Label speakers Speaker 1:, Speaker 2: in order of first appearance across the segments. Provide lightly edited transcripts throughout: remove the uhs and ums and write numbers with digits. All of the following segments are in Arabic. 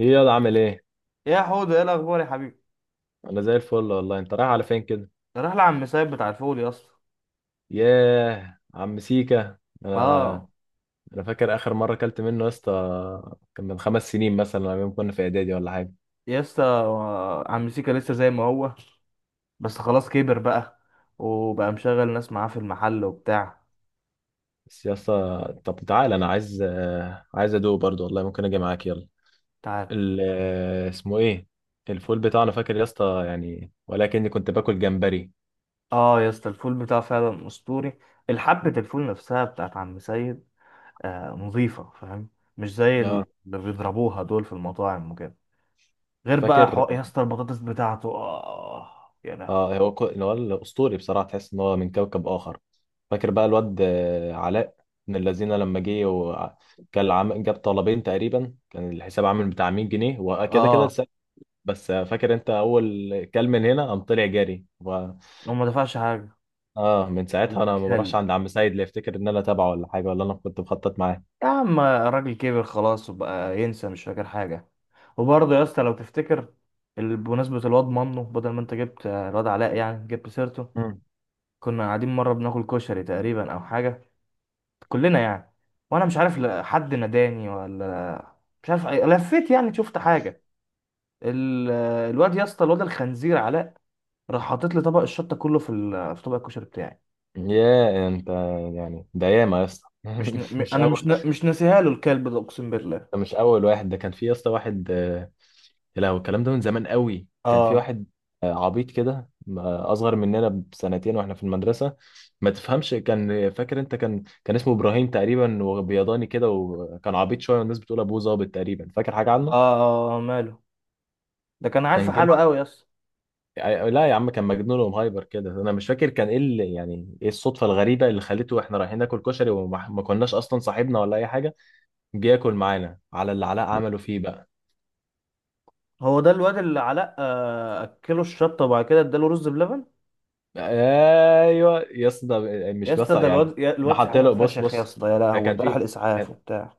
Speaker 1: ايه، يلا عامل ايه؟
Speaker 2: يا حوده، ايه الاخبار يا حبيبي؟
Speaker 1: انا زي الفل والله. انت رايح على فين كده؟
Speaker 2: راح لعم سايب بتاع الفول يا اسطى.
Speaker 1: ياه، عم سيكا. انا
Speaker 2: اه
Speaker 1: انا فاكر اخر مره اكلت منه يا اسطى، كان من خمس سنين مثلا لما كنا في اعدادي ولا حاجه.
Speaker 2: يا اسطى، عم سيكا لسه زي ما هو. بس خلاص كبر بقى، وبقى مشغل ناس معاه في المحل وبتاع.
Speaker 1: بس يا اسطى طب تعالى، انا عايز عايز ادوق برضه والله. ممكن اجي معاك؟ يلا.
Speaker 2: تعال.
Speaker 1: اسمه ايه؟ الفول بتاعنا، فاكر يا اسطى يعني، ولكني كنت باكل جمبري.
Speaker 2: اه يا اسطى، الفول بتاعه فعلا اسطوري. الحبة الفول نفسها بتاعت عم سيد، آه نظيفة، فاهم؟ مش زي
Speaker 1: اه
Speaker 2: اللي بيضربوها دول في المطاعم وكده. غير بقى
Speaker 1: فاكر.
Speaker 2: يا اسطى البطاطس بتاعته، اه. يا لهوي.
Speaker 1: اه، هو الاسطوري بصراحه، تحس ان هو من كوكب اخر. فاكر بقى الواد علاء؟ من الذين لما جه وكان جاب طلبين تقريبا، كان الحساب عامل بتاع 100 جنيه وكده كده
Speaker 2: اه،
Speaker 1: لسه. بس فاكر انت اول كلمه من هنا قام طلع جري
Speaker 2: هو ما دفعش حاجة
Speaker 1: اه، من ساعتها انا ما بروحش
Speaker 2: الكلب.
Speaker 1: عند عم سيد، لا يفتكر ان انا تابعه ولا حاجه ولا انا كنت بخطط معاه.
Speaker 2: يا عم الراجل كبر خلاص وبقى ينسى، مش فاكر حاجة. وبرضه يا اسطى لو تفتكر، بمناسبة الواد منه، بدل ما انت جبت الواد علاء يعني، جبت سيرته.
Speaker 1: مم.
Speaker 2: كنا قاعدين مرة بناكل كشري تقريبا او حاجة، كلنا يعني. وانا مش عارف حد ناداني ولا، مش عارف لفيت يعني شفت حاجة. الواد يا اسطى، الواد الخنزير علاء راح حاطط لي طبق الشطة كله في في طبق الكشري بتاعي.
Speaker 1: يا انت، يعني ده ياما يا اسطى
Speaker 2: مش ن... م-
Speaker 1: مش
Speaker 2: انا
Speaker 1: اول.
Speaker 2: مش ن... مش ناسيها له الكلب ده، اقسم بالله.
Speaker 1: ده مش اول واحد، ده كان في يا اسطى واحد لا، هو الكلام ده من زمان قوي. كان في
Speaker 2: اه.
Speaker 1: واحد عبيط كده، اصغر مننا بسنتين واحنا في المدرسه، ما تفهمش. كان فاكر انت، كان اسمه ابراهيم تقريبا، وبيضاني كده، وكان عبيط شويه، والناس بتقول ابوه ظابط تقريبا، فاكر حاجه عنه.
Speaker 2: اه, آه ماله، ده كان عارف
Speaker 1: كان جه
Speaker 2: حاله
Speaker 1: مر-
Speaker 2: قوي يا اسطى.
Speaker 1: لا يا عم، كان مجنون ومهايبر كده. انا مش فاكر كان ايه اللي، يعني ايه الصدفه الغريبه اللي خليته احنا رايحين ناكل كشري وما ما كناش اصلا صاحبنا ولا اي حاجه، جه ياكل معانا على اللي علاء عمله فيه بقى.
Speaker 2: هو ده الواد اللي علاء اكله الشطه وبعد كده اداله رز بلبن؟
Speaker 1: ايوه يا اسطى، ده
Speaker 2: يا
Speaker 1: مش بس
Speaker 2: اسطى ده
Speaker 1: يعني.
Speaker 2: الواد
Speaker 1: ده
Speaker 2: الواد
Speaker 1: حط
Speaker 2: ساعتها
Speaker 1: له، بص
Speaker 2: اتفشخ يا
Speaker 1: بص،
Speaker 2: اسطى، يا
Speaker 1: ده
Speaker 2: لهوي،
Speaker 1: كان
Speaker 2: ده راح
Speaker 1: في،
Speaker 2: الاسعاف
Speaker 1: كان،
Speaker 2: وبتاع.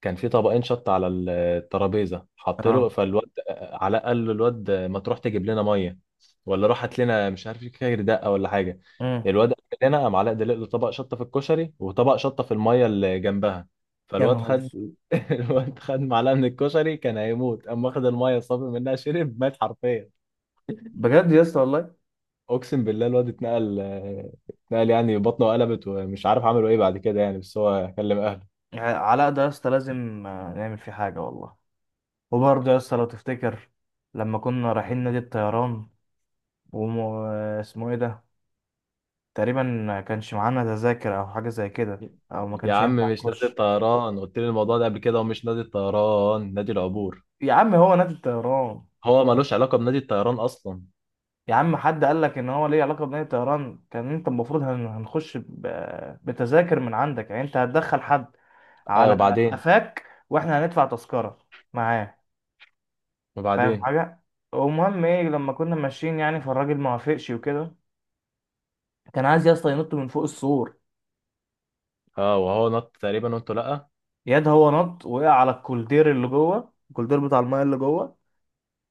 Speaker 1: كان في طبقين شط على الترابيزه، حط
Speaker 2: اه.
Speaker 1: له. فالواد علاء قال له الواد: ما تروح تجيب لنا ميه، ولا روح هات لنا مش عارف كاير دقه ولا حاجه.
Speaker 2: امم
Speaker 1: الواد قال لنا، قام علاء دلق له طبق شطه في الكشري وطبق شطه في الميه اللي جنبها.
Speaker 2: يا
Speaker 1: فالواد
Speaker 2: نهار
Speaker 1: خد،
Speaker 2: اسود،
Speaker 1: الواد خد معلقه من الكشري كان هيموت، قام واخد الميه صافي منها شرب، مات حرفيا.
Speaker 2: بجد يا اسطى والله.
Speaker 1: اقسم بالله الواد اتنقل، اتنقل يعني، بطنه قلبت ومش عارف عملوا ايه بعد كده يعني، بس هو كلم اهله.
Speaker 2: يعني علاء ده يا اسطى لازم نعمل فيه حاجه والله. وبرضه يا اسطى لو تفتكر، لما كنا رايحين نادي الطيران وم... آه، اسمه ايه ده، تقريبا ما كانش معانا تذاكر او حاجه زي كده، او ما
Speaker 1: يا
Speaker 2: كانش
Speaker 1: عم
Speaker 2: ينفع
Speaker 1: مش نادي
Speaker 2: نخش.
Speaker 1: الطيران، قلت لي الموضوع ده قبل كده. ومش نادي الطيران، نادي العبور.
Speaker 2: يا عم هو نادي الطيران.
Speaker 1: هو ملوش علاقة بنادي الطيران اصلا.
Speaker 2: يا عم حد قال لك ان هو ليه علاقه بمدينه طيران؟ كان انت المفروض هنخش بتذاكر من عندك، يعني انت هتدخل حد
Speaker 1: ايوه
Speaker 2: على
Speaker 1: وبعدين؟
Speaker 2: قفاك واحنا هندفع تذكره معاه، فاهم
Speaker 1: وبعدين؟
Speaker 2: حاجه؟ ومهم ايه، لما كنا ماشيين يعني فالراجل ما وافقش وكده، كان عايز يا اسطى ينط من فوق السور.
Speaker 1: اه، وهو نط تقريبا وانتوا لا.
Speaker 2: ياد هو نط، وقع على الكولدير اللي جوه، الكولدير بتاع المايه اللي جوه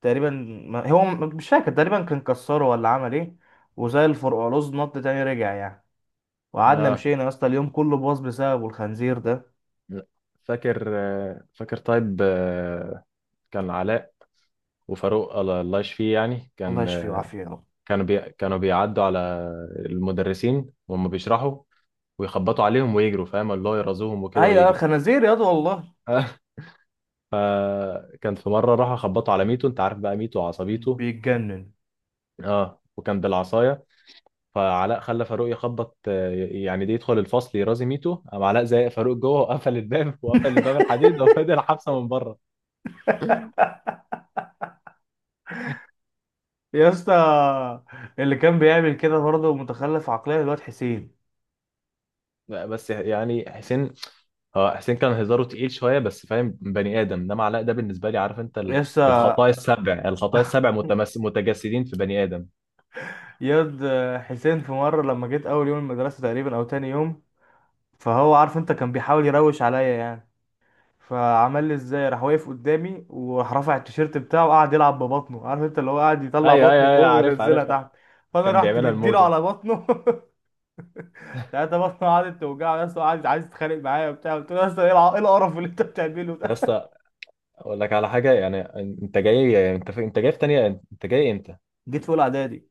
Speaker 2: تقريبا. ما هو مش فاكر، تقريبا كان كسره ولا عمل ايه. وزي الفرقعلوز نط تاني رجع يعني. وقعدنا
Speaker 1: اه.
Speaker 2: مشينا يا اسطى، اليوم كله باظ بسببه الخنزير ده.
Speaker 1: لا. فاكر، فاكر طيب، كان علاء وفاروق، الله الله يشفيه يعني،
Speaker 2: الله
Speaker 1: كان
Speaker 2: يشفيه ويعافيه يا رب.
Speaker 1: كانوا بيعدوا على المدرسين وهم بيشرحوا، ويخبطوا عليهم ويجروا، فاهم، اللي هو يرازوهم وكده
Speaker 2: ايوه
Speaker 1: ويجروا.
Speaker 2: خنازير ياض والله.
Speaker 1: فكان في مره راحوا خبطوا على ميتو، انت عارف بقى ميتو وعصبيته.
Speaker 2: بيتجنن.
Speaker 1: اه، وكان بالعصايه. فعلاء خلى فاروق يخبط، يعني دي، يدخل الفصل يرازي ميتو، قام علاء زي فاروق جوه وقفل الباب وقفل الباب الحديد وفضل حبسه من بره.
Speaker 2: يا اسطى اللي كان بيعمل كده برضه متخلف عقليا الواد حسين.
Speaker 1: بس يعني حسين، اه، حسين كان هزاره تقيل شويه بس، فاهم بني ادم. انما علاء ده بالنسبه لي، عارف انت،
Speaker 2: يا اسطى.
Speaker 1: الخطايا السبع، الخطايا السبع متجسدين في بني ادم.
Speaker 2: ياض حسين في مره لما جيت اول يوم المدرسه تقريبا او تاني يوم، فهو عارف انت كان بيحاول يروش عليا يعني، فعمل لي ازاي؟ راح واقف قدامي وراح رافع التيشيرت بتاعه وقعد يلعب ببطنه، عارف انت اللي هو قاعد يطلع
Speaker 1: ايوه ايوه
Speaker 2: بطني
Speaker 1: ايوه،
Speaker 2: فوق
Speaker 1: عارف
Speaker 2: وينزلها
Speaker 1: عارف.
Speaker 2: تحت. فانا
Speaker 1: كان
Speaker 2: رحت
Speaker 1: بيعملها
Speaker 2: مديله
Speaker 1: الموجه.
Speaker 2: على بطنه. ساعتها بطني قعدت توجع يا اسطى، قعدت عايز تتخانق معايا وبتاع. قلت له يا اسطى ايه إيه القرف اللي انت بتعمله
Speaker 1: يا
Speaker 2: ده؟
Speaker 1: اسطى اقول لك على حاجه، يعني انت جاي، يعني انت جاي في تانية؟ انت جاي امتى؟
Speaker 2: جيت في اولى اعدادي.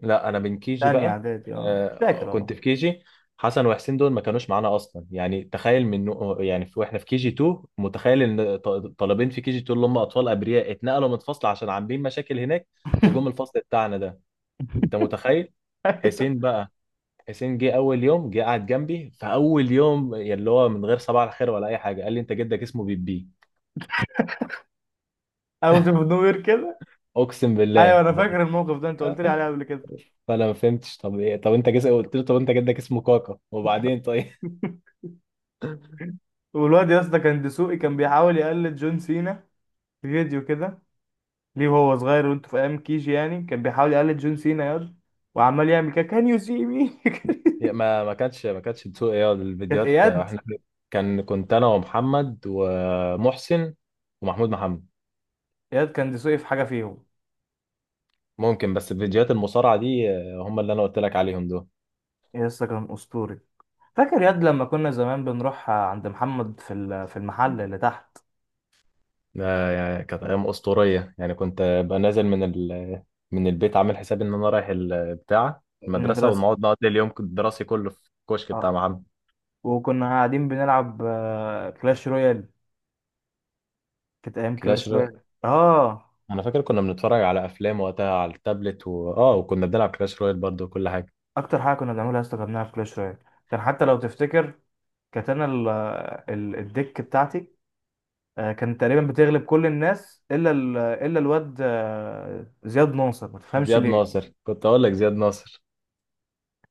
Speaker 1: لا انا من كي جي
Speaker 2: تانية
Speaker 1: بقى.
Speaker 2: اعدادي، اه مش
Speaker 1: آه
Speaker 2: فاكر والله.
Speaker 1: كنت في كي جي. حسن وحسين دول ما كانوش معانا اصلا، يعني تخيل من، يعني واحنا في كي جي 2، متخيل ان طالبين في كي جي 2 اللي هم اطفال ابرياء اتنقلوا من الفصل عشان عاملين مشاكل هناك، وجم الفصل بتاعنا ده. انت متخيل؟
Speaker 2: ايوه،
Speaker 1: حسين بقى، حسين جه اول يوم، جه قعد جنبي، فاول يوم يعني اللي هو من غير صباح الخير ولا اي حاجه، قال لي: انت جدك اسمه بيبي.
Speaker 2: انا كنت في النوير كده.
Speaker 1: اقسم
Speaker 2: ايوه
Speaker 1: بالله.
Speaker 2: انا فاكر الموقف ده، انت قلت لي عليه قبل كده.
Speaker 1: فانا ما فهمتش، طب ايه؟ طب انت قلت له: طب انت جدك اسمه كاكا. وبعدين طيب.
Speaker 2: والواد يا اسطى كان دسوقي، كان بيحاول يقلد جون سينا في فيديو كده. ليه وهو صغير وانت في ايام كيجي يعني كان بيحاول يقلد جون سينا ياد، وعمال يعمل كده كان يو سي مي.
Speaker 1: يا ما، ما كانش بتسوق ايه
Speaker 2: كانت
Speaker 1: الفيديوهات
Speaker 2: اياد.
Speaker 1: احنا. كنت انا ومحمد ومحسن، ومحمود محمد.
Speaker 2: اياد كان دسوقي في حاجه فيهم.
Speaker 1: ممكن، بس الفيديوهات المصارعه دي، هم اللي انا قلت لك عليهم دول.
Speaker 2: يا اسطى كان اسطوري. فاكر ياد لما كنا زمان بنروح عند محمد في في المحل اللي تحت.
Speaker 1: ده يعني كانت ايام اسطوريه يعني، كنت ابقى نازل من من البيت عامل حسابي ان انا رايح البتاع، المدرسه،
Speaker 2: المدرسة.
Speaker 1: ونقعد نقضي اليوم الدراسي كله في الكشك بتاع
Speaker 2: اه
Speaker 1: محمد.
Speaker 2: وكنا قاعدين بنلعب كلاش رويال، كانت أيام
Speaker 1: كلاش.
Speaker 2: كلاش رويال، اه.
Speaker 1: انا فاكر كنا بنتفرج على افلام وقتها على التابلت اه، وكنا بنلعب كلاش رويال برضو وكل حاجه.
Speaker 2: أكتر حاجة كنا بنعملها يا اسطى كنا بنلعب كلاش رويال. كان حتى لو تفتكر، كانت أنا الديك بتاعتي كانت تقريبا بتغلب كل الناس، إلا إلا الواد زياد ناصر، ما تفهمش
Speaker 1: زياد
Speaker 2: ليه.
Speaker 1: ناصر، كنت اقول لك زياد ناصر.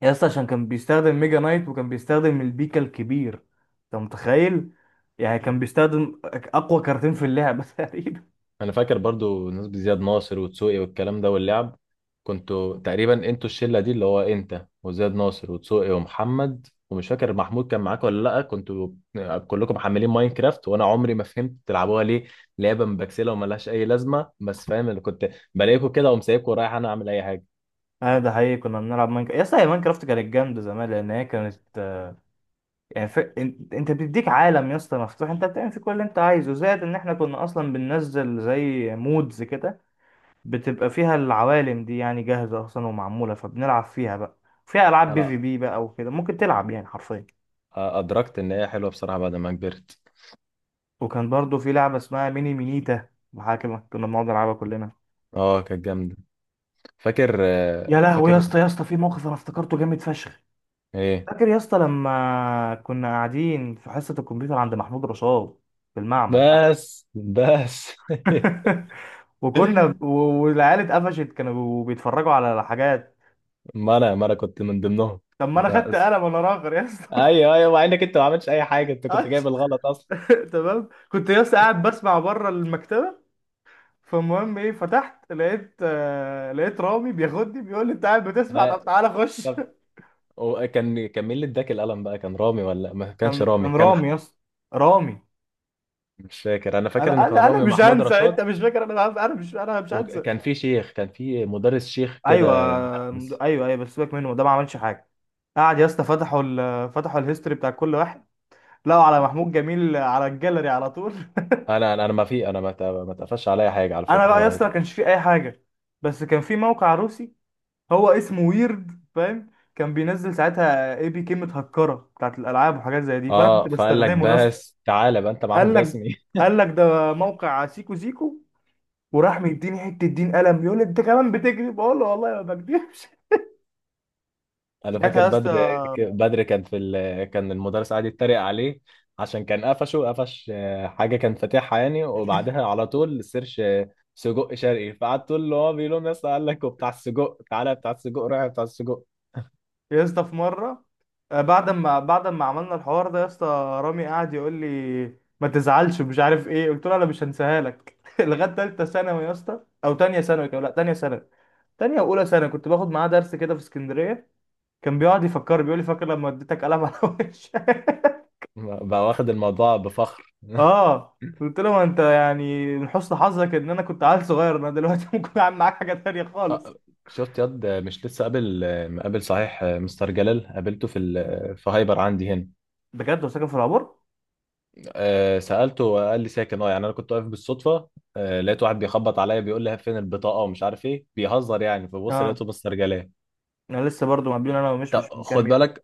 Speaker 2: يا اسطى عشان كان بيستخدم ميجا نايت، وكان بيستخدم البيكا الكبير. انت متخيل؟ يعني كان بيستخدم اقوى كارتين في اللعبه تقريبا
Speaker 1: انا فاكر برضو نسبة زياد ناصر وتسوقي والكلام ده واللعب، كنتوا تقريبا انتوا الشله دي اللي هو انت وزياد ناصر وتسوقي ومحمد، ومش فاكر محمود كان معاك ولا لا، كنتوا كلكم محملين ماينكرافت، وانا عمري ما فهمت تلعبوها ليه. لعبه مبكسله وملهاش اي لازمه، بس فاهم اللي كنت بلاقيكوا كده وأقوم سايبكوا ورايح انا اعمل اي حاجه.
Speaker 2: اه ده حقيقي، كنا بنلعب ماينكرافت يا اسطى، هي ماينكرافت كانت جامده زمان، لان هي كانت، يعني انت، انت بتديك عالم يا اسطى مفتوح، انت بتعمل فيه كل اللي انت عايزه، زائد ان احنا كنا اصلا بننزل زي مودز كده. بتبقى فيها العوالم دي يعني جاهزه اصلا ومعموله، فبنلعب فيها بقى. فيها العاب بي في
Speaker 1: انا
Speaker 2: بي بقى وكده، ممكن تلعب يعني حرفيا.
Speaker 1: ادركت ان هي حلوه بصراحه بعد ما كبرت.
Speaker 2: وكان برضو في لعبة اسمها ميني مينيتا محاكمة، كنا بنقعد نلعبها كلنا.
Speaker 1: اه كانت جامدة. فاكر،
Speaker 2: يا لهوي يا
Speaker 1: فاكر.
Speaker 2: اسطى، يا اسطى في موقف انا افتكرته جامد فشخ.
Speaker 1: ايه؟
Speaker 2: فاكر يا اسطى لما كنا قاعدين في حصة الكمبيوتر عند محمود رشاد في المعمل تحت؟
Speaker 1: بس بس.
Speaker 2: وكنا و- والعيال اتقفشت كانوا بيتفرجوا على حاجات.
Speaker 1: ما انا كنت من ضمنهم.
Speaker 2: طب ما انا خدت
Speaker 1: بس،
Speaker 2: قلم وانا راغر يا اسطى.
Speaker 1: ايوه ايوه، مع انك انت ما عملتش اي حاجة، انت كنت جايب الغلط اصلا.
Speaker 2: تمام، كنت يا اسطى قاعد بسمع بره المكتبة. فالمهم ايه، فتحت لقيت آه، لقيت رامي بياخدني بيقول لي انت قاعد بتسمع، طب
Speaker 1: آه،
Speaker 2: تعالى خش.
Speaker 1: طب، وكان مين اللي اداك القلم بقى؟ كان رامي ولا ما كانش
Speaker 2: كان
Speaker 1: رامي؟
Speaker 2: كان
Speaker 1: كان
Speaker 2: رامي يا اسطى، رامي.
Speaker 1: مش فاكر. انا فاكر ان
Speaker 2: انا
Speaker 1: كان
Speaker 2: انا انا
Speaker 1: رامي
Speaker 2: مش
Speaker 1: ومحمود
Speaker 2: هنسى، انت
Speaker 1: رشاد.
Speaker 2: مش فاكر، انا مش، انا مش هنسى.
Speaker 1: وكان في شيخ، كان في مدرس شيخ كده،
Speaker 2: ايوه
Speaker 1: لا، بس.
Speaker 2: ايوه ايوه بس سيبك منه ده ما عملش حاجه. قعد يا اسطى فتحوا فتحوا الهيستوري بتاع كل واحد، لقوا على محمود جميل على الجاليري على طول.
Speaker 1: انا ما في، انا ما اتقفش عليا حاجه على
Speaker 2: انا بقى يا
Speaker 1: فكره.
Speaker 2: اسطى ما كانش فيه اي حاجه، بس كان في موقع روسي، هو اسمه ويرد، فاهم؟ كان بينزل ساعتها اي بي كي متهكره بتاعت الالعاب وحاجات زي دي، فانا كنت
Speaker 1: اه، فقال لك:
Speaker 2: بستخدمه يا اسطى.
Speaker 1: بس تعالى بقى انت معاهم
Speaker 2: قال
Speaker 1: رسمي.
Speaker 2: لك قال لك ده موقع سيكو سيكو، وراح مديني حته دين قلم، يقول لي انت كمان بتكذب، بقول له والله ما بكذبش.
Speaker 1: انا
Speaker 2: ساعتها
Speaker 1: فاكر
Speaker 2: يا اسطى،
Speaker 1: بدر. بدر كان في كان المدرس قاعد يتريق عليه عشان كان قفشه، قفش حاجه كان فاتحها يعني، وبعدها على طول السيرش، سجق شرقي. فقعد تقول له، هو بيقول لهم يا اسطى: قال لك وبتاع السجق، تعالى بتاع السجق، روح بتاع السجق.
Speaker 2: يا اسطى في مره بعد ما عملنا الحوار ده يا اسطى، رامي قعد يقول لي ما تزعلش ومش عارف ايه، قلت له انا مش هنساها لك. لغايه ثالثه ثانوي يا اسطى، او ثانيه ثانوي كمان، لا ثانيه ثانوي. تانية وأولى سنة كنت باخد معاه درس كده في اسكندرية، كان بيقعد يفكر بيقول لي فاكر لما اديتك قلم على وشك.
Speaker 1: بقى واخد الموضوع بفخر.
Speaker 2: اه، قلت له ما انت يعني من حسن حظك ان انا كنت عيل صغير، انا دلوقتي ممكن اعمل معاك حاجة تانية خالص.
Speaker 1: شفت ياد؟ مش لسه قابل؟ مقابل صحيح، مستر جلال قابلته في ال... آه، في هايبر عندي هنا.
Speaker 2: بجد، وساكن في العبور؟
Speaker 1: سألته وقال لي ساكن، اه يعني انا كنت واقف بالصدفة، لقيت واحد بيخبط عليا بيقول لي فين البطاقة ومش عارف ايه، بيهزر يعني. فبص
Speaker 2: اه،
Speaker 1: لقيته مسترجلاه.
Speaker 2: انا لسه برضو مقابلين انا، ومش مش
Speaker 1: طب
Speaker 2: من كام
Speaker 1: خد
Speaker 2: يوم.
Speaker 1: بالك،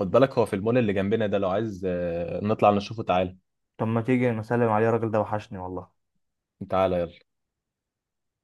Speaker 1: خد بالك، هو في المول اللي جنبنا ده، لو عايز نطلع نشوفه تعالى.
Speaker 2: طب ما تيجي نسلم عليه، الراجل ده وحشني والله.
Speaker 1: تعالى يلا.